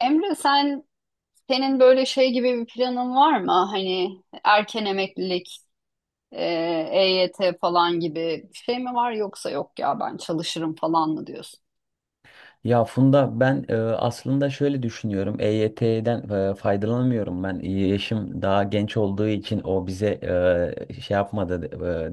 Emre, senin böyle şey gibi bir planın var mı? Hani erken emeklilik, e, EYT falan gibi bir şey mi var, yoksa "yok ya ben çalışırım" falan mı diyorsun? Ya Funda ben aslında şöyle düşünüyorum. EYT'den faydalanamıyorum ben. Yaşım daha genç olduğu için o bize şey yapmadı,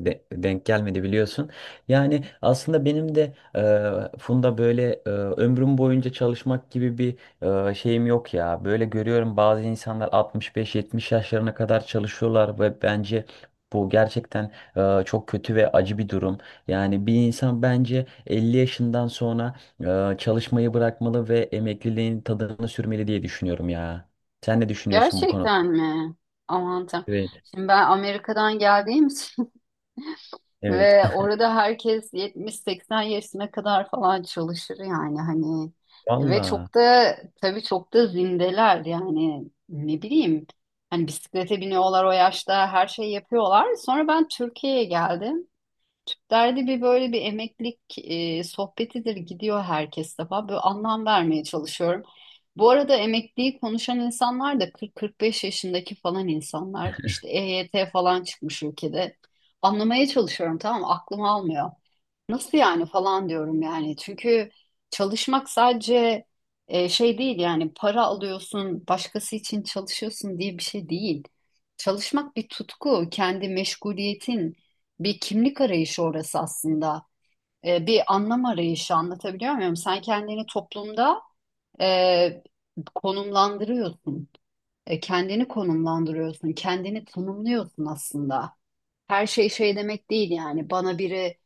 denk gelmedi biliyorsun. Yani aslında benim de Funda böyle ömrüm boyunca çalışmak gibi bir şeyim yok ya. Böyle görüyorum, bazı insanlar 65-70 yaşlarına kadar çalışıyorlar ve bence bu gerçekten çok kötü ve acı bir durum. Yani bir insan bence 50 yaşından sonra çalışmayı bırakmalı ve emekliliğin tadını sürmeli diye düşünüyorum ya. Sen ne düşünüyorsun bu konuda? Gerçekten mi? Aman Tanrım. Evet, Şimdi ben Amerika'dan geldiğim için evet. ve orada herkes 70-80 yaşına kadar falan çalışır yani. Hani ve Valla. çok da, tabii çok da zindeler yani, ne bileyim, hani bisiklete biniyorlar o yaşta, her şeyi yapıyorlar. Sonra ben Türkiye'ye geldim. Derdi bir, böyle bir emeklilik sohbetidir gidiyor herkes defa. Böyle anlam vermeye çalışıyorum. Bu arada emekliyi konuşan insanlar da 40-45 yaşındaki falan insanlar. İşte EYT falan çıkmış ülkede. Anlamaya çalışıyorum, tamam mı? Aklım almıyor. Nasıl yani falan diyorum yani. Çünkü çalışmak sadece şey değil yani, para alıyorsun, başkası için çalışıyorsun diye bir şey değil. Çalışmak bir tutku, kendi meşguliyetin, bir kimlik arayışı orası aslında. Bir anlam arayışı, anlatabiliyor muyum? Sen kendini toplumda e, konumlandırıyorsun. Kendini konumlandırıyorsun, kendini tanımlıyorsun aslında. Her şey şey demek değil yani. Bana biri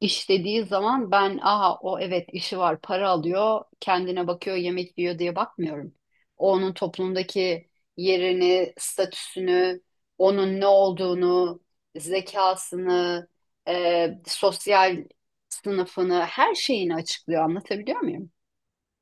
İşlediği zaman ben "aha o evet, işi var, para alıyor, kendine bakıyor, yemek yiyor" diye bakmıyorum. O onun toplumdaki yerini, statüsünü, onun ne olduğunu, zekasını, sosyal sınıfını, her şeyini açıklıyor, anlatabiliyor muyum?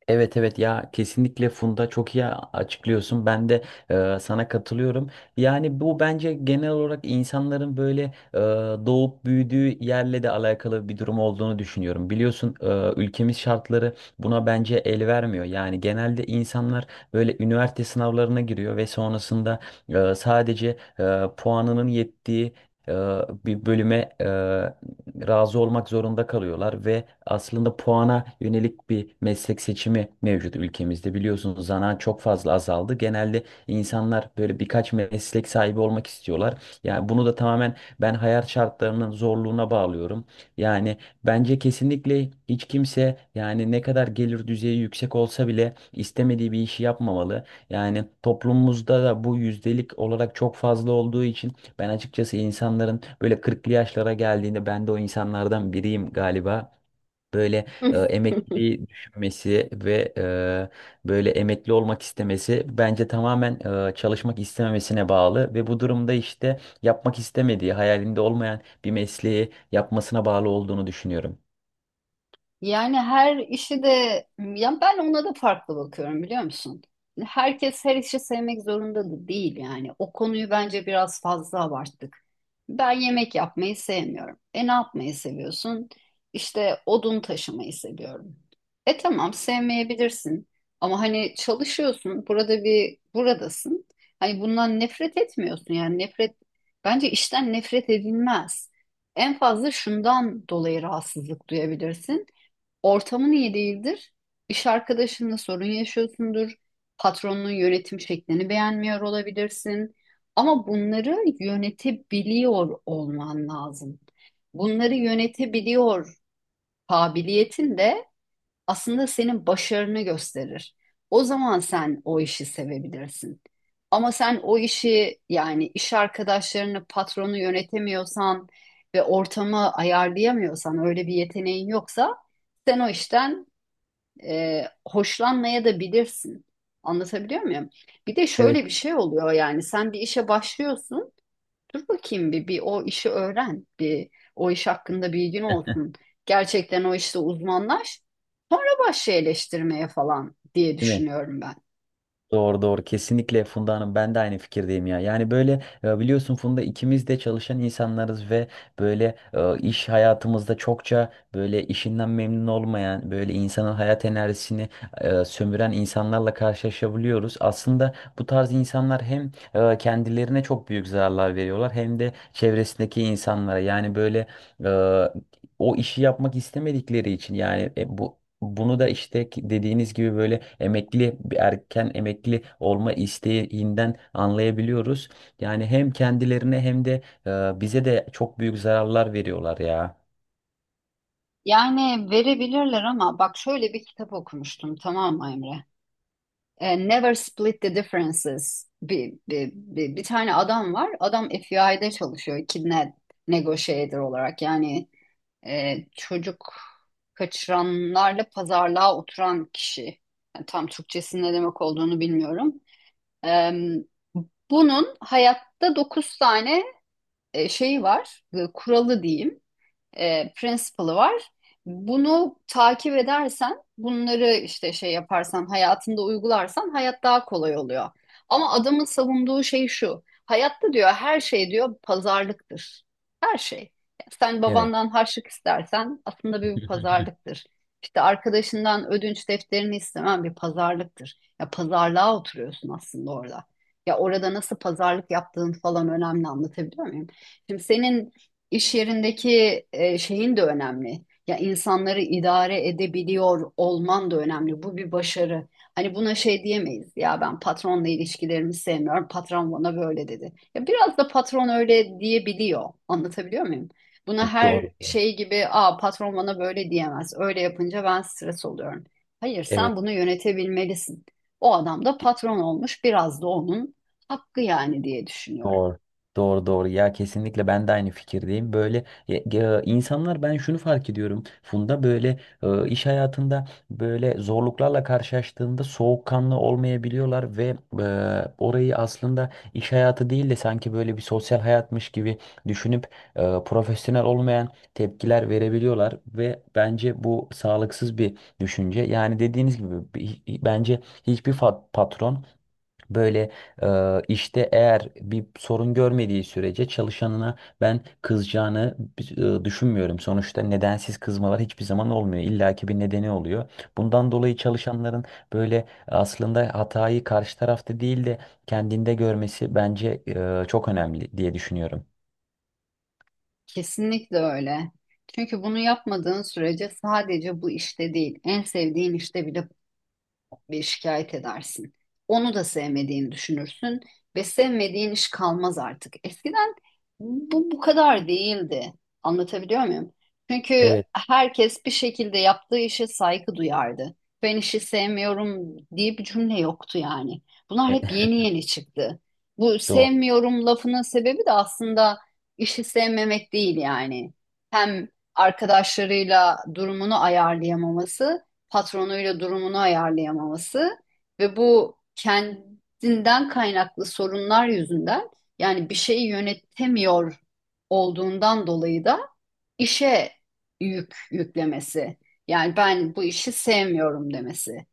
Evet, evet, ya kesinlikle Funda, çok iyi açıklıyorsun. Ben de sana katılıyorum. Yani bu bence genel olarak insanların böyle e, doğup büyüdüğü yerle de alakalı bir durum olduğunu düşünüyorum. Biliyorsun, ülkemiz şartları buna bence el vermiyor. Yani genelde insanlar böyle üniversite sınavlarına giriyor ve sonrasında puanının yettiği e, bir bölüme razı olmak zorunda kalıyorlar ve aslında puana yönelik bir meslek seçimi mevcut ülkemizde. Biliyorsunuz, zanaat çok fazla azaldı. Genelde insanlar böyle birkaç meslek sahibi olmak istiyorlar. Yani bunu da tamamen ben hayat şartlarının zorluğuna bağlıyorum. Yani bence kesinlikle hiç kimse, yani ne kadar gelir düzeyi yüksek olsa bile, istemediği bir işi yapmamalı. Yani toplumumuzda da bu yüzdelik olarak çok fazla olduğu için ben açıkçası insanların böyle kırklı yaşlara geldiğinde, ben de o insanlardan biriyim galiba, böyle emekliliği düşünmesi ve böyle emekli olmak istemesi bence tamamen çalışmak istememesine bağlı ve bu durumda işte yapmak istemediği, hayalinde olmayan bir mesleği yapmasına bağlı olduğunu düşünüyorum. Yani her işi de, ya ben ona da farklı bakıyorum, biliyor musun? Herkes her işi sevmek zorunda da değil yani. O konuyu bence biraz fazla abarttık. Ben yemek yapmayı sevmiyorum. E, ne yapmayı seviyorsun? İşte odun taşımayı seviyorum. E, tamam, sevmeyebilirsin, ama hani çalışıyorsun. Burada bir, buradasın. Hani bundan nefret etmiyorsun yani. Nefret, bence işten nefret edilmez. En fazla şundan dolayı rahatsızlık duyabilirsin. Ortamın iyi değildir. İş arkadaşınla sorun yaşıyorsundur. Patronun yönetim şeklini beğenmiyor olabilirsin. Ama bunları yönetebiliyor olman lazım. Bunları yönetebiliyor kabiliyetin de aslında senin başarını gösterir. O zaman sen o işi sevebilirsin. Ama sen o işi, yani iş arkadaşlarını, patronu yönetemiyorsan ve ortamı ayarlayamıyorsan, öyle bir yeteneğin yoksa, sen o işten hoşlanmaya da bilirsin. Anlatabiliyor muyum? Bir de Evet. şöyle bir şey oluyor, yani sen bir işe başlıyorsun. Dur bakayım bir, bir o işi öğren. Bir o iş hakkında bilgin olsun. Gerçekten o işte uzmanlaş. Sonra başla eleştirmeye falan diye Değil mi? düşünüyorum ben. Doğru, doğru, kesinlikle Funda Hanım, ben de aynı fikirdeyim ya. Yani böyle, biliyorsun Funda, ikimiz de çalışan insanlarız ve böyle iş hayatımızda çokça böyle işinden memnun olmayan, böyle insanın hayat enerjisini sömüren insanlarla karşılaşabiliyoruz. Aslında bu tarz insanlar hem kendilerine çok büyük zararlar veriyorlar, hem de çevresindeki insanlara. Yani böyle e, o işi yapmak istemedikleri için, yani bu bunu da işte dediğiniz gibi böyle emekli, bir erken emekli olma isteğinden anlayabiliyoruz. Yani hem kendilerine hem de bize de çok büyük zararlar veriyorlar ya. Yani verebilirler, ama bak, şöyle bir kitap okumuştum, tamam mı Emre? Never Split the Differences. Bir tane adam var. Adam FBI'de çalışıyor. Kidnap negotiator olarak, yani çocuk kaçıranlarla pazarlığa oturan kişi. Yani tam Türkçesinin ne demek olduğunu bilmiyorum. E, Bunun hayatta 9 tane şeyi var, kuralı diyeyim, principle'ı var. Bunu takip edersen, bunları işte şey yaparsan, hayatında uygularsan hayat daha kolay oluyor. Ama adamın savunduğu şey şu. Hayatta, diyor, her şey, diyor, pazarlıktır. Her şey. Sen Evet. babandan harçlık istersen aslında bir pazarlıktır. İşte arkadaşından ödünç defterini istemen bir pazarlıktır. Ya pazarlığa oturuyorsun aslında orada. Ya orada nasıl pazarlık yaptığın falan önemli, anlatabiliyor muyum? Şimdi senin İş yerindeki şeyin de önemli. Ya insanları idare edebiliyor olman da önemli. Bu bir başarı. Hani buna şey diyemeyiz. Ya ben patronla ilişkilerimi sevmiyorum, patron bana böyle dedi. Ya biraz da patron öyle diyebiliyor. Anlatabiliyor muyum? Buna her Doğru. Doğru. şey gibi, "aa, patron bana böyle diyemez, öyle yapınca ben stres oluyorum". Hayır, Evet. sen bunu yönetebilmelisin. O adam da patron olmuş. Biraz da onun hakkı yani, diye düşünüyorum. Doğru. Doğru, doğru ya, kesinlikle ben de aynı fikirdeyim. Böyle insanlar, ben şunu fark ediyorum Funda, böyle iş hayatında böyle zorluklarla karşılaştığında soğukkanlı olmayabiliyorlar ve orayı aslında iş hayatı değil de sanki böyle bir sosyal hayatmış gibi düşünüp profesyonel olmayan tepkiler verebiliyorlar ve bence bu sağlıksız bir düşünce. Yani dediğiniz gibi bence hiçbir patron böyle işte eğer bir sorun görmediği sürece çalışanına ben kızacağını düşünmüyorum. Sonuçta nedensiz kızmalar hiçbir zaman olmuyor. İlla ki bir nedeni oluyor. Bundan dolayı çalışanların böyle aslında hatayı karşı tarafta değil de kendinde görmesi bence çok önemli diye düşünüyorum. Kesinlikle öyle. Çünkü bunu yapmadığın sürece sadece bu işte değil, en sevdiğin işte bile bir şikayet edersin. Onu da sevmediğini düşünürsün ve sevmediğin iş kalmaz artık. Eskiden bu kadar değildi. Anlatabiliyor muyum? Çünkü Evet, herkes bir şekilde yaptığı işe saygı duyardı. Ben işi sevmiyorum diye bir cümle yoktu yani. Bunlar e, hep yeni yeni çıktı. Bu doğru. sevmiyorum lafının sebebi de aslında işi sevmemek değil yani. Hem arkadaşlarıyla durumunu ayarlayamaması, patronuyla durumunu ayarlayamaması ve bu kendinden kaynaklı sorunlar yüzünden, yani bir şeyi yönetemiyor olduğundan dolayı da işe yük yüklemesi. Yani ben bu işi sevmiyorum demesi.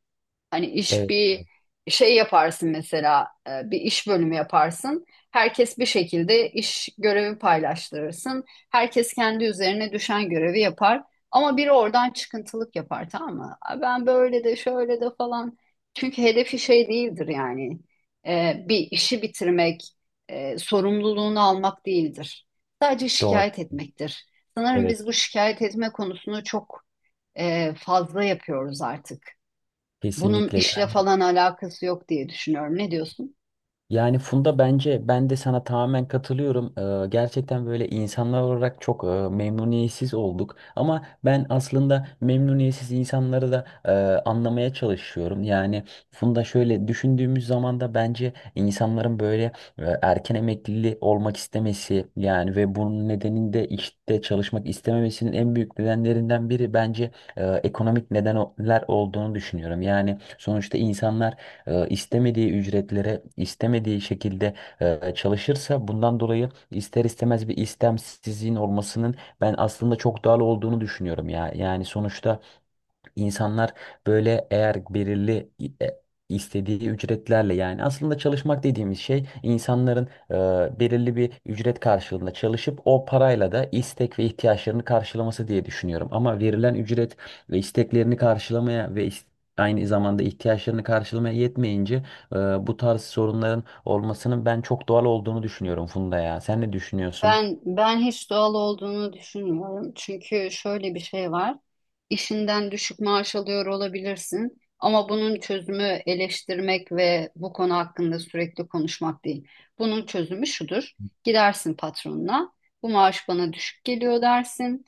Hani iş Evet, bir şey yaparsın mesela, bir iş bölümü yaparsın. Herkes bir şekilde, iş görevi paylaştırırsın. Herkes kendi üzerine düşen görevi yapar. Ama biri oradan çıkıntılık yapar, tamam mı? "Aa, ben böyle de, şöyle de" falan. Çünkü hedefi şey değildir yani. Bir işi bitirmek, sorumluluğunu almak değildir. Sadece doğru. şikayet etmektir. Sanırım Evet, biz bu şikayet etme konusunu çok fazla yapıyoruz artık. Bunun kesinlikle. işle falan alakası yok diye düşünüyorum. Ne diyorsun? Yani Funda bence ben de sana tamamen katılıyorum. Gerçekten böyle insanlar olarak çok memnuniyetsiz olduk. Ama ben aslında memnuniyetsiz insanları da anlamaya çalışıyorum. Yani Funda şöyle düşündüğümüz zaman da bence insanların böyle erken emekliliği olmak istemesi, yani ve bunun nedeninde işte çalışmak istememesinin en büyük nedenlerinden biri bence ekonomik nedenler olduğunu düşünüyorum. Yani sonuçta insanlar istemediği ücretlere istemediği şekilde çalışırsa bundan dolayı ister istemez bir istemsizliğin olmasının ben aslında çok doğal olduğunu düşünüyorum ya. Yani sonuçta İnsanlar böyle, eğer belirli e, istediği ücretlerle, yani aslında çalışmak dediğimiz şey insanların belirli bir ücret karşılığında çalışıp o parayla da istek ve ihtiyaçlarını karşılaması diye düşünüyorum. Ama verilen ücret ve isteklerini karşılamaya ve aynı zamanda ihtiyaçlarını karşılamaya yetmeyince bu tarz sorunların olmasının ben çok doğal olduğunu düşünüyorum Funda ya. Sen ne düşünüyorsun? Ben hiç doğal olduğunu düşünmüyorum. Çünkü şöyle bir şey var. İşinden düşük maaş alıyor olabilirsin, ama bunun çözümü eleştirmek ve bu konu hakkında sürekli konuşmak değil. Bunun çözümü şudur. Gidersin patronuna. Bu maaş bana düşük geliyor, dersin.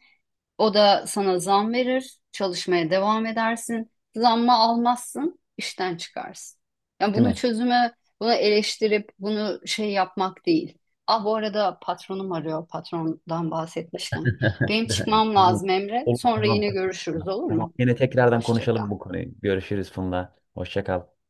O da sana zam verir, çalışmaya devam edersin. Zammı almazsın, işten çıkarsın. Yani Değil bunu mi? çözüme, bunu eleştirip bunu şey yapmak değil. Ah, bu arada patronum arıyor, patrondan bahsetmişken. Benim çıkmam lazım Emre. Olur, Sonra tamam, yine görüşürüz, tamam. olur Tamam. mu? Yine tekrardan Hoşça konuşalım kal. bu konuyu. Görüşürüz Funda. Hoşça kal.